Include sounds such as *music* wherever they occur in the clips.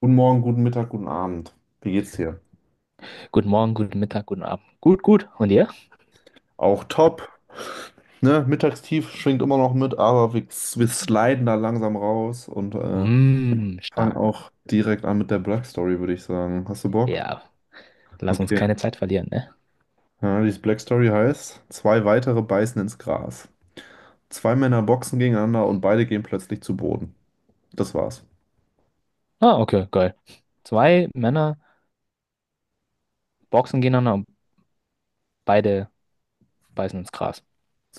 Guten Morgen, guten Mittag, guten Abend. Wie geht's dir? Guten Morgen, guten Mittag, guten Abend. Gut, gut. Und ihr? Auch top. Ne? Mittagstief schwingt immer noch mit, aber wir sliden da langsam raus und Mm, fangen stark. auch direkt an mit der Black Story, würde ich sagen. Hast du Bock? Ja, lass uns Okay. keine Zeit verlieren, ne? Ja, die Black Story heißt, zwei weitere beißen ins Gras. Zwei Männer boxen gegeneinander und beide gehen plötzlich zu Boden. Das war's. Ah, okay, geil. Zwei Männer boxen gegeneinander und beide beißen ins Gras.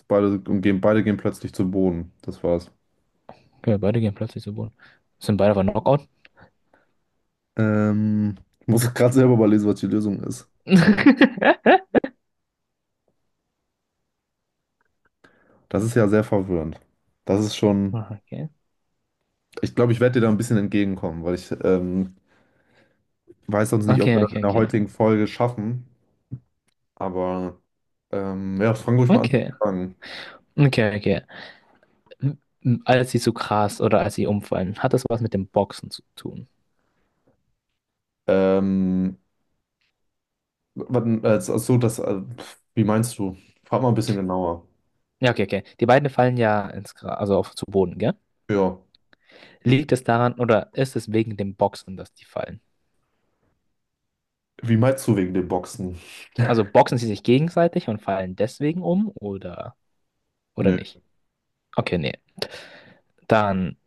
Beide, und gehen, beide gehen plötzlich zu Boden. Das war's. Okay, beide gehen plötzlich zu Boden. Sind beide aber Knockout? Ich muss *laughs* gerade selber überlesen, was die Lösung ist. *laughs* Das ist ja sehr verwirrend. Das ist schon. Ah, okay. Ich glaube, ich werde dir da ein bisschen entgegenkommen, weil ich weiß sonst nicht, ob Okay, wir das in okay, der okay. heutigen Folge schaffen. Aber ja, fang ruhig mal an zu Okay. fragen. Okay, okay. M- Als sie zu Gras oder als sie umfallen, hat das was mit dem Boxen zu tun? Ähm, Achso, wie meinst du? Frag mal ein bisschen genauer. Ja, okay, okay. Die beiden fallen ja ins Gras, also auf, zu Boden, gell? Ja. Liegt es daran oder ist es wegen dem Boxen, dass die fallen? Wie meinst du wegen dem Boxen? *laughs* Also boxen sie sich gegenseitig und fallen deswegen um oder Nö. nicht? Okay, nee. Dann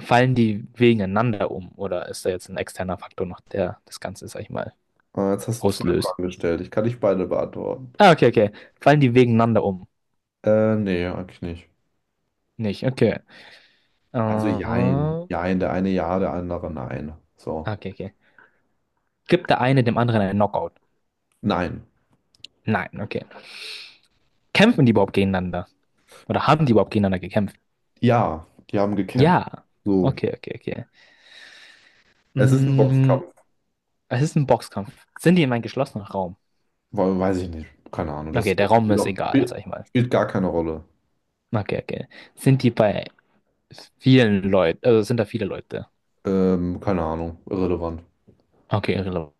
fallen die gegeneinander um oder ist da jetzt ein externer Faktor noch, der das Ganze, sag ich mal, Jetzt hast du zwei auslöst? Fragen gestellt. Ich kann nicht beide beantworten. Ah, okay, okay. Fallen die gegeneinander um? Nee, eigentlich nicht. Nicht, okay. Äh, Also jein. Jein, der eine ja, der andere nein. So. okay, okay. Gibt der eine dem anderen einen Knockout? Nein. Nein, okay. Kämpfen die überhaupt gegeneinander? Oder haben die überhaupt gegeneinander gekämpft? Ja, die haben gekämpft. Ja. So. Okay, okay, okay. Es ist ein Mm, Boxkampf. Es ist ein Boxkampf. Sind die in einem geschlossenen Raum? Weil Weiß ich nicht. Keine Ahnung. Das Okay, der Raum spielt, ist auch, egal, spielt, sag ich mal. spielt gar keine Rolle. Okay, okay. Sind die bei vielen Leuten, also sind da viele Leute? Keine Ahnung. Irrelevant. Okay, irrelevant.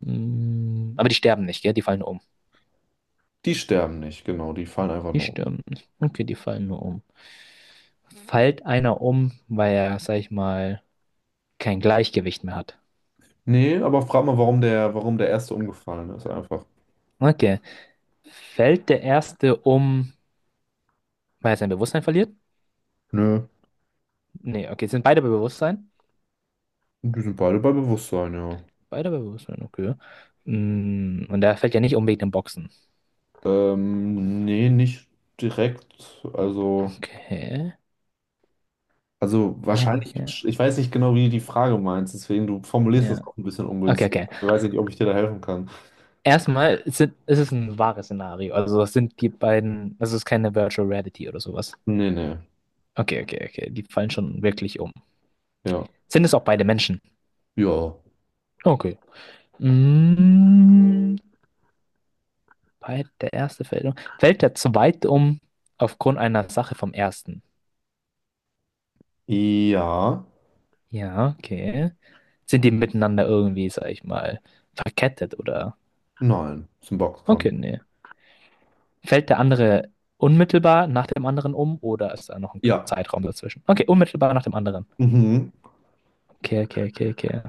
Aber die sterben nicht, gell? Die fallen nur um. Die sterben nicht, genau. Die fallen einfach Die nur um. sterben nicht. Okay, die fallen nur um. Fällt einer um, weil er, sag ich mal, kein Gleichgewicht mehr hat? Nee, aber frag mal, warum der erste umgefallen ist. Einfach. Okay. Fällt der erste um, weil er sein Bewusstsein verliert? Nö. Nee, okay, sind beide bei Bewusstsein? Die sind beide bei Bewusstsein, ja. Beide bei Bewusstsein, okay. Und der fällt ja nicht um wegen dem Boxen. Nee, nicht direkt. Okay. Also Ah, wahrscheinlich, okay. ich weiß nicht genau, wie du die Frage meinst, deswegen du formulierst das Ja. auch ein bisschen Okay, ungünstig. okay. Ich weiß nicht, ob ich dir da helfen kann. Erstmal es ist ein wahres Szenario. Also es sind die beiden, also es ist keine Virtual Reality oder sowas. Nee, nee. Okay, okay, okay. Die fallen schon wirklich um. Ja. Sind es auch beide Menschen? Ja. Okay. Mm, bei Der erste fällt um. Fällt der zweite um aufgrund einer Sache vom ersten? Ja. Ja, okay. Sind die miteinander irgendwie, sag ich mal, verkettet oder? Nein. Ist ein Okay, Boxkampf. nee. Fällt der andere unmittelbar nach dem anderen um oder ist da noch ein Ja. Zeitraum dazwischen? Okay, unmittelbar nach dem anderen. Mhm. Okay, okay, okay, okay.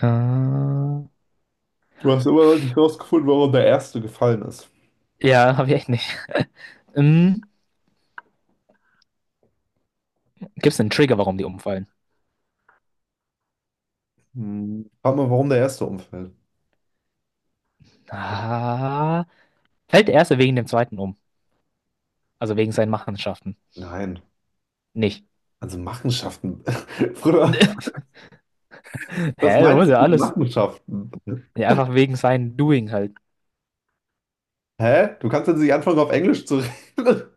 Äh, Du hast immer noch nicht rausgefunden, warum der Erste gefallen ist. ja, habe ich echt nicht. *laughs* Ähm, Gibt es einen Trigger, warum die umfallen? Hm. Frag mal, warum der Erste umfällt. Ah, fällt der erste wegen dem zweiten um. Also wegen seinen Machenschaften. Nein. Nicht. Also Machenschaften. *laughs* Bruder, *laughs* Hä, was du musst meinst ja du mit alles. Machenschaften? Ja, einfach wegen seinem Doing halt. Hä? Du kannst jetzt nicht anfangen, auf Englisch zu reden *laughs*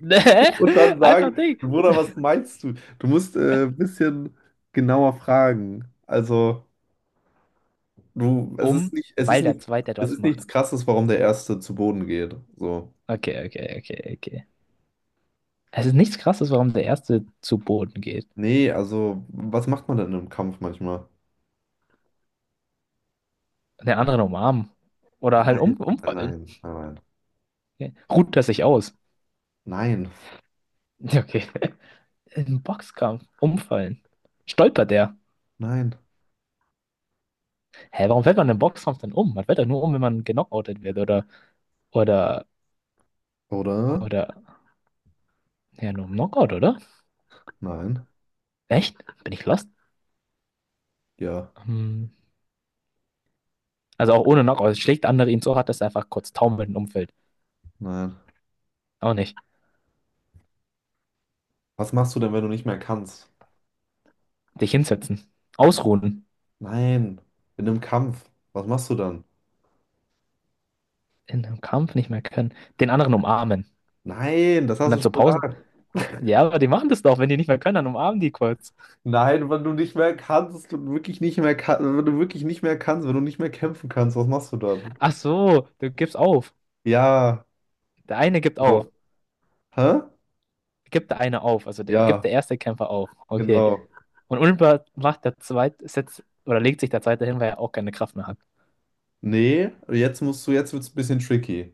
*laughs* Hä? und dann Einfach sagen, Ding. Bruder, was meinst du? Du musst ein bisschen genauer fragen. Also, du, Um, es ist Weil der nicht, zweite es etwas ist macht. nichts Krasses, warum der Erste zu Boden geht. So. Okay, okay, okay, okay. Es ist nichts Krasses, warum der erste zu Boden geht. Nee, also, was macht man denn im Kampf manchmal? Und den anderen umarmen. Oder halt Nein, umfallen. nein, nein, Okay. Ruht er sich aus. nein, *laughs* Okay. Im Boxkampf umfallen. Stolpert der? nein. Hä, warum fällt man im Boxkampf dann um? Man fällt doch nur um, wenn man genockoutet wird oder, Oder? oder, ja, nur im Knockout, oder? Nein. Echt? Bin ich lost? Ja, Hm. Also auch ohne Knockout. Schlägt der andere ihn so hart, dass er einfach kurz taumelnd umfällt. nein. Auch nicht. Was machst du denn, wenn du nicht mehr kannst? Dich hinsetzen. Ausruhen. Nein. In einem Kampf. Was machst du dann? In einem Kampf nicht mehr können. Den anderen umarmen. Nein, das Und hast du dann zur schon Pause. gesagt. Ja, aber die machen das doch. Wenn die nicht mehr können, dann umarmen die kurz. Nein, wenn du nicht mehr kannst und wirklich nicht mehr kannst, wenn du wirklich nicht mehr kannst, wenn du nicht mehr kämpfen kannst, was machst du dann? Ach so, du gibst auf. Ja. Der eine gibt auf. So. Hä? Gibt der eine auf. Also Ja, gibt der erste Kämpfer auf. Okay. genau. Und unmittelbar macht der zweite, setzt, oder legt sich der zweite hin, weil er auch keine Kraft mehr hat. Nee, jetzt musst du, jetzt wird's ein bisschen tricky.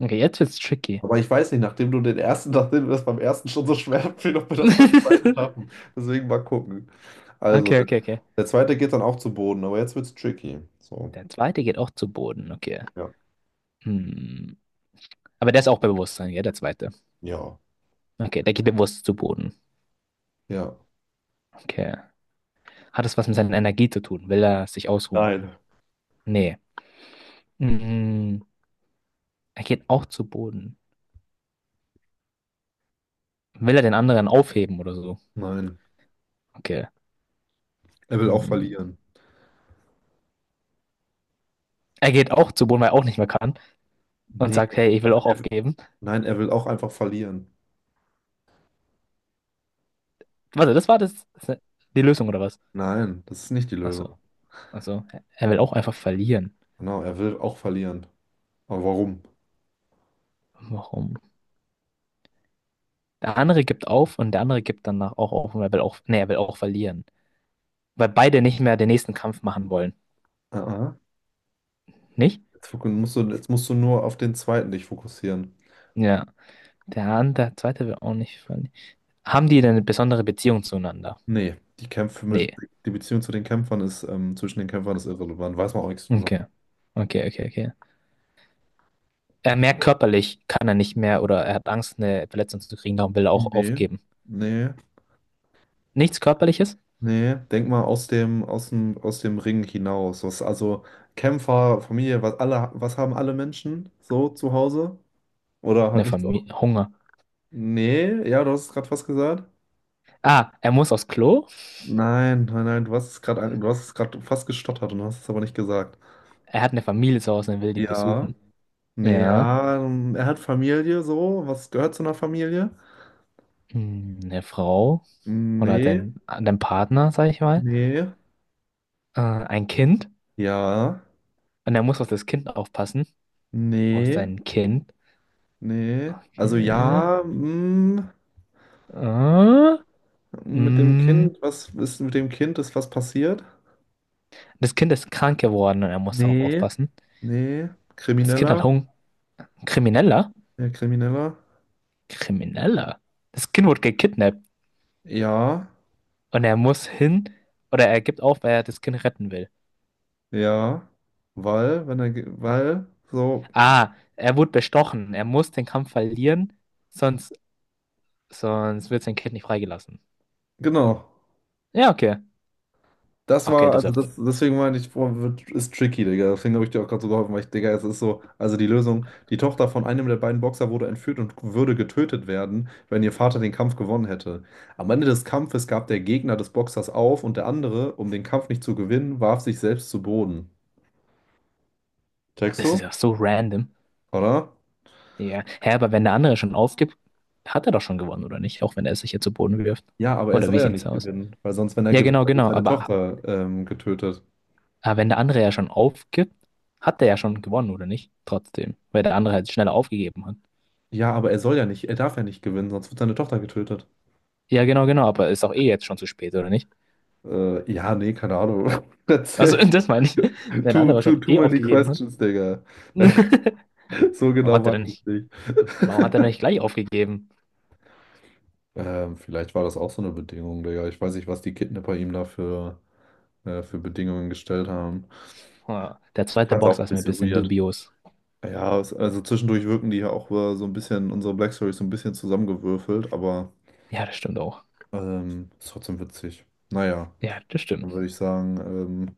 Okay, jetzt wird's tricky. Aber ich weiß nicht, nachdem du den ersten, *laughs* nachdem mir das beim ersten schon so schwer fiel, ob wir das beim zweiten schaffen. *laughs* Deswegen mal gucken. Also, Okay, der okay, okay. der zweite geht dann auch zu Boden, aber jetzt wird's tricky. So. Der zweite geht auch zu Boden, okay. Ja. Hm. Aber der ist auch bei Bewusstsein, ja, der zweite. Ja. Okay, der geht bewusst zu Boden. Ja. Okay. Hat es was mit seiner Energie zu tun? Will er sich ausruhen? Nein. Nee. Hm. Er geht auch zu Boden. Will er den anderen aufheben oder so? Nein. Okay. Er will auch Hm. verlieren. Er geht auch zu Boden, weil er auch nicht mehr kann und Nee, sagt, hey, ich will er, auch er, aufgeben. nein, er will auch einfach verlieren. Warte, das war die Lösung oder was? Nein, das ist nicht die Lösung. Achso. Also, er will auch einfach verlieren. Genau, er will auch verlieren. Aber warum? Warum? Der andere gibt auf und der andere gibt danach auch auf und er will auch, nee, er will auch verlieren. Weil beide nicht mehr den nächsten Kampf machen wollen. Ah, ah. Nicht? Jetzt, jetzt musst du nur auf den zweiten dich fokussieren. Ja. Der andere, der zweite will auch nicht verlieren. Haben die denn eine besondere Beziehung zueinander? Nee, die Kämpfe mit, Nee. Die Beziehung zu den Kämpfern ist, zwischen den Kämpfern ist irrelevant, weiß man auch nichts drüber. Okay. Okay, okay, okay. Er merkt körperlich, kann er nicht mehr oder er hat Angst, eine Verletzung zu kriegen, darum will er auch Nee, aufgeben. nee, Nichts Körperliches? nee. Denk mal aus dem Ring hinaus. Was, also Kämpfer, Familie, was haben alle Menschen so zu Hause? Oder halt Eine nichts. Auch- Familie, Hunger. nee, ja, du hast es gerade fast gesagt. Ah, er muss aufs Klo? Nein, du hast es gerade, du hast es gerade fast gestottert und hast es aber nicht gesagt. Er hat eine Familie zu Hause und will die Ja, besuchen. nee, Ja. ja, er hat Familie so. Was gehört zu einer Familie? Eine Frau oder Nee, dein Partner, sag ich mal, nee. Ein Kind Ja, und er muss auf das Kind aufpassen, auf nee, sein Kind. nee. Also Okay. ja, mm, Äh, mit dem mm, Kind, was ist mit dem Kind, ist was passiert? Das Kind ist krank geworden und er muss darauf Nee, aufpassen. nee. Das Kind hat Krimineller? Hunger. Krimineller? Ja, Krimineller? Krimineller? Das Kind wurde gekidnappt Ja, und er muss hin oder er gibt auf, weil er das Kind retten will. ja. Weil, wenn er, ge- weil, so, Ah, er wurde bestochen. Er muss den Kampf verlieren, sonst, sonst wird sein Kind nicht freigelassen. Genau. Ja, okay. Das Okay, war, also das, Deswegen meine ich, boah, ist tricky, Digga. Deswegen habe ich dir auch gerade so geholfen, weil ich, Digga, es ist so, also die Lösung, die Tochter von einem der beiden Boxer wurde entführt und würde getötet werden, wenn ihr Vater den Kampf gewonnen hätte. Am Ende des Kampfes gab der Gegner des Boxers auf und der andere, um den Kampf nicht zu gewinnen, warf sich selbst zu Boden. Checkst das du? ist ja so random. Oder? Ja. Hä, aber wenn der andere schon aufgibt, hat er doch schon gewonnen, oder nicht? Auch wenn er es sich jetzt zu Boden wirft. Ja, aber er Oder wie soll ja sieht's nicht aus? gewinnen, weil sonst, wenn er Ja, gewinnt, genau, dann wird genau. seine Aber Tochter getötet. Wenn der andere ja schon aufgibt, hat er ja schon gewonnen, oder nicht? Trotzdem. Weil der andere halt schneller aufgegeben hat. Ja, aber er darf ja nicht gewinnen, sonst wird seine Tochter getötet. Ja, genau, genau. Aber ist auch eh jetzt schon zu spät, oder nicht? Ja, nee, keine Ahnung. *laughs* Also, *laughs* Erzähl. das meine ich. Wenn der andere schon Too eh many aufgegeben hat. questions, Digga. *laughs* *laughs* So Warum genau hat er weiß denn ich nicht, nicht. Warum hat er denn nicht *laughs* gleich aufgegeben? Vielleicht war das auch so eine Bedingung, Digga. Ich weiß nicht, was die Kidnapper ihm da für Bedingungen gestellt haben. Ah, der Ich zweite fand's auch Boxer ein ist mir ein bisschen bisschen weird. dubios. Ja, es, also zwischendurch wirken die ja auch so ein bisschen, unsere Black Stories so ein bisschen zusammengewürfelt, aber Ja, das stimmt auch. Ist trotzdem witzig. Naja, Ja, das stimmt. dann würde ich sagen, ähm,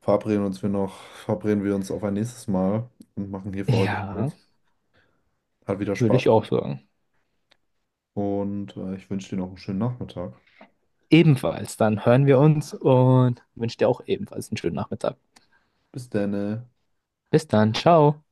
verabreden uns wir noch, verabreden wir uns auf ein nächstes Mal und machen hier für heute Ja, Schluss. Hat wieder würde Spaß ich auch gemacht. sagen. Und ich wünsche dir noch einen schönen Nachmittag. Ebenfalls, dann hören wir uns und wünsche dir auch ebenfalls einen schönen Nachmittag. Bis dann. Bis dann, ciao.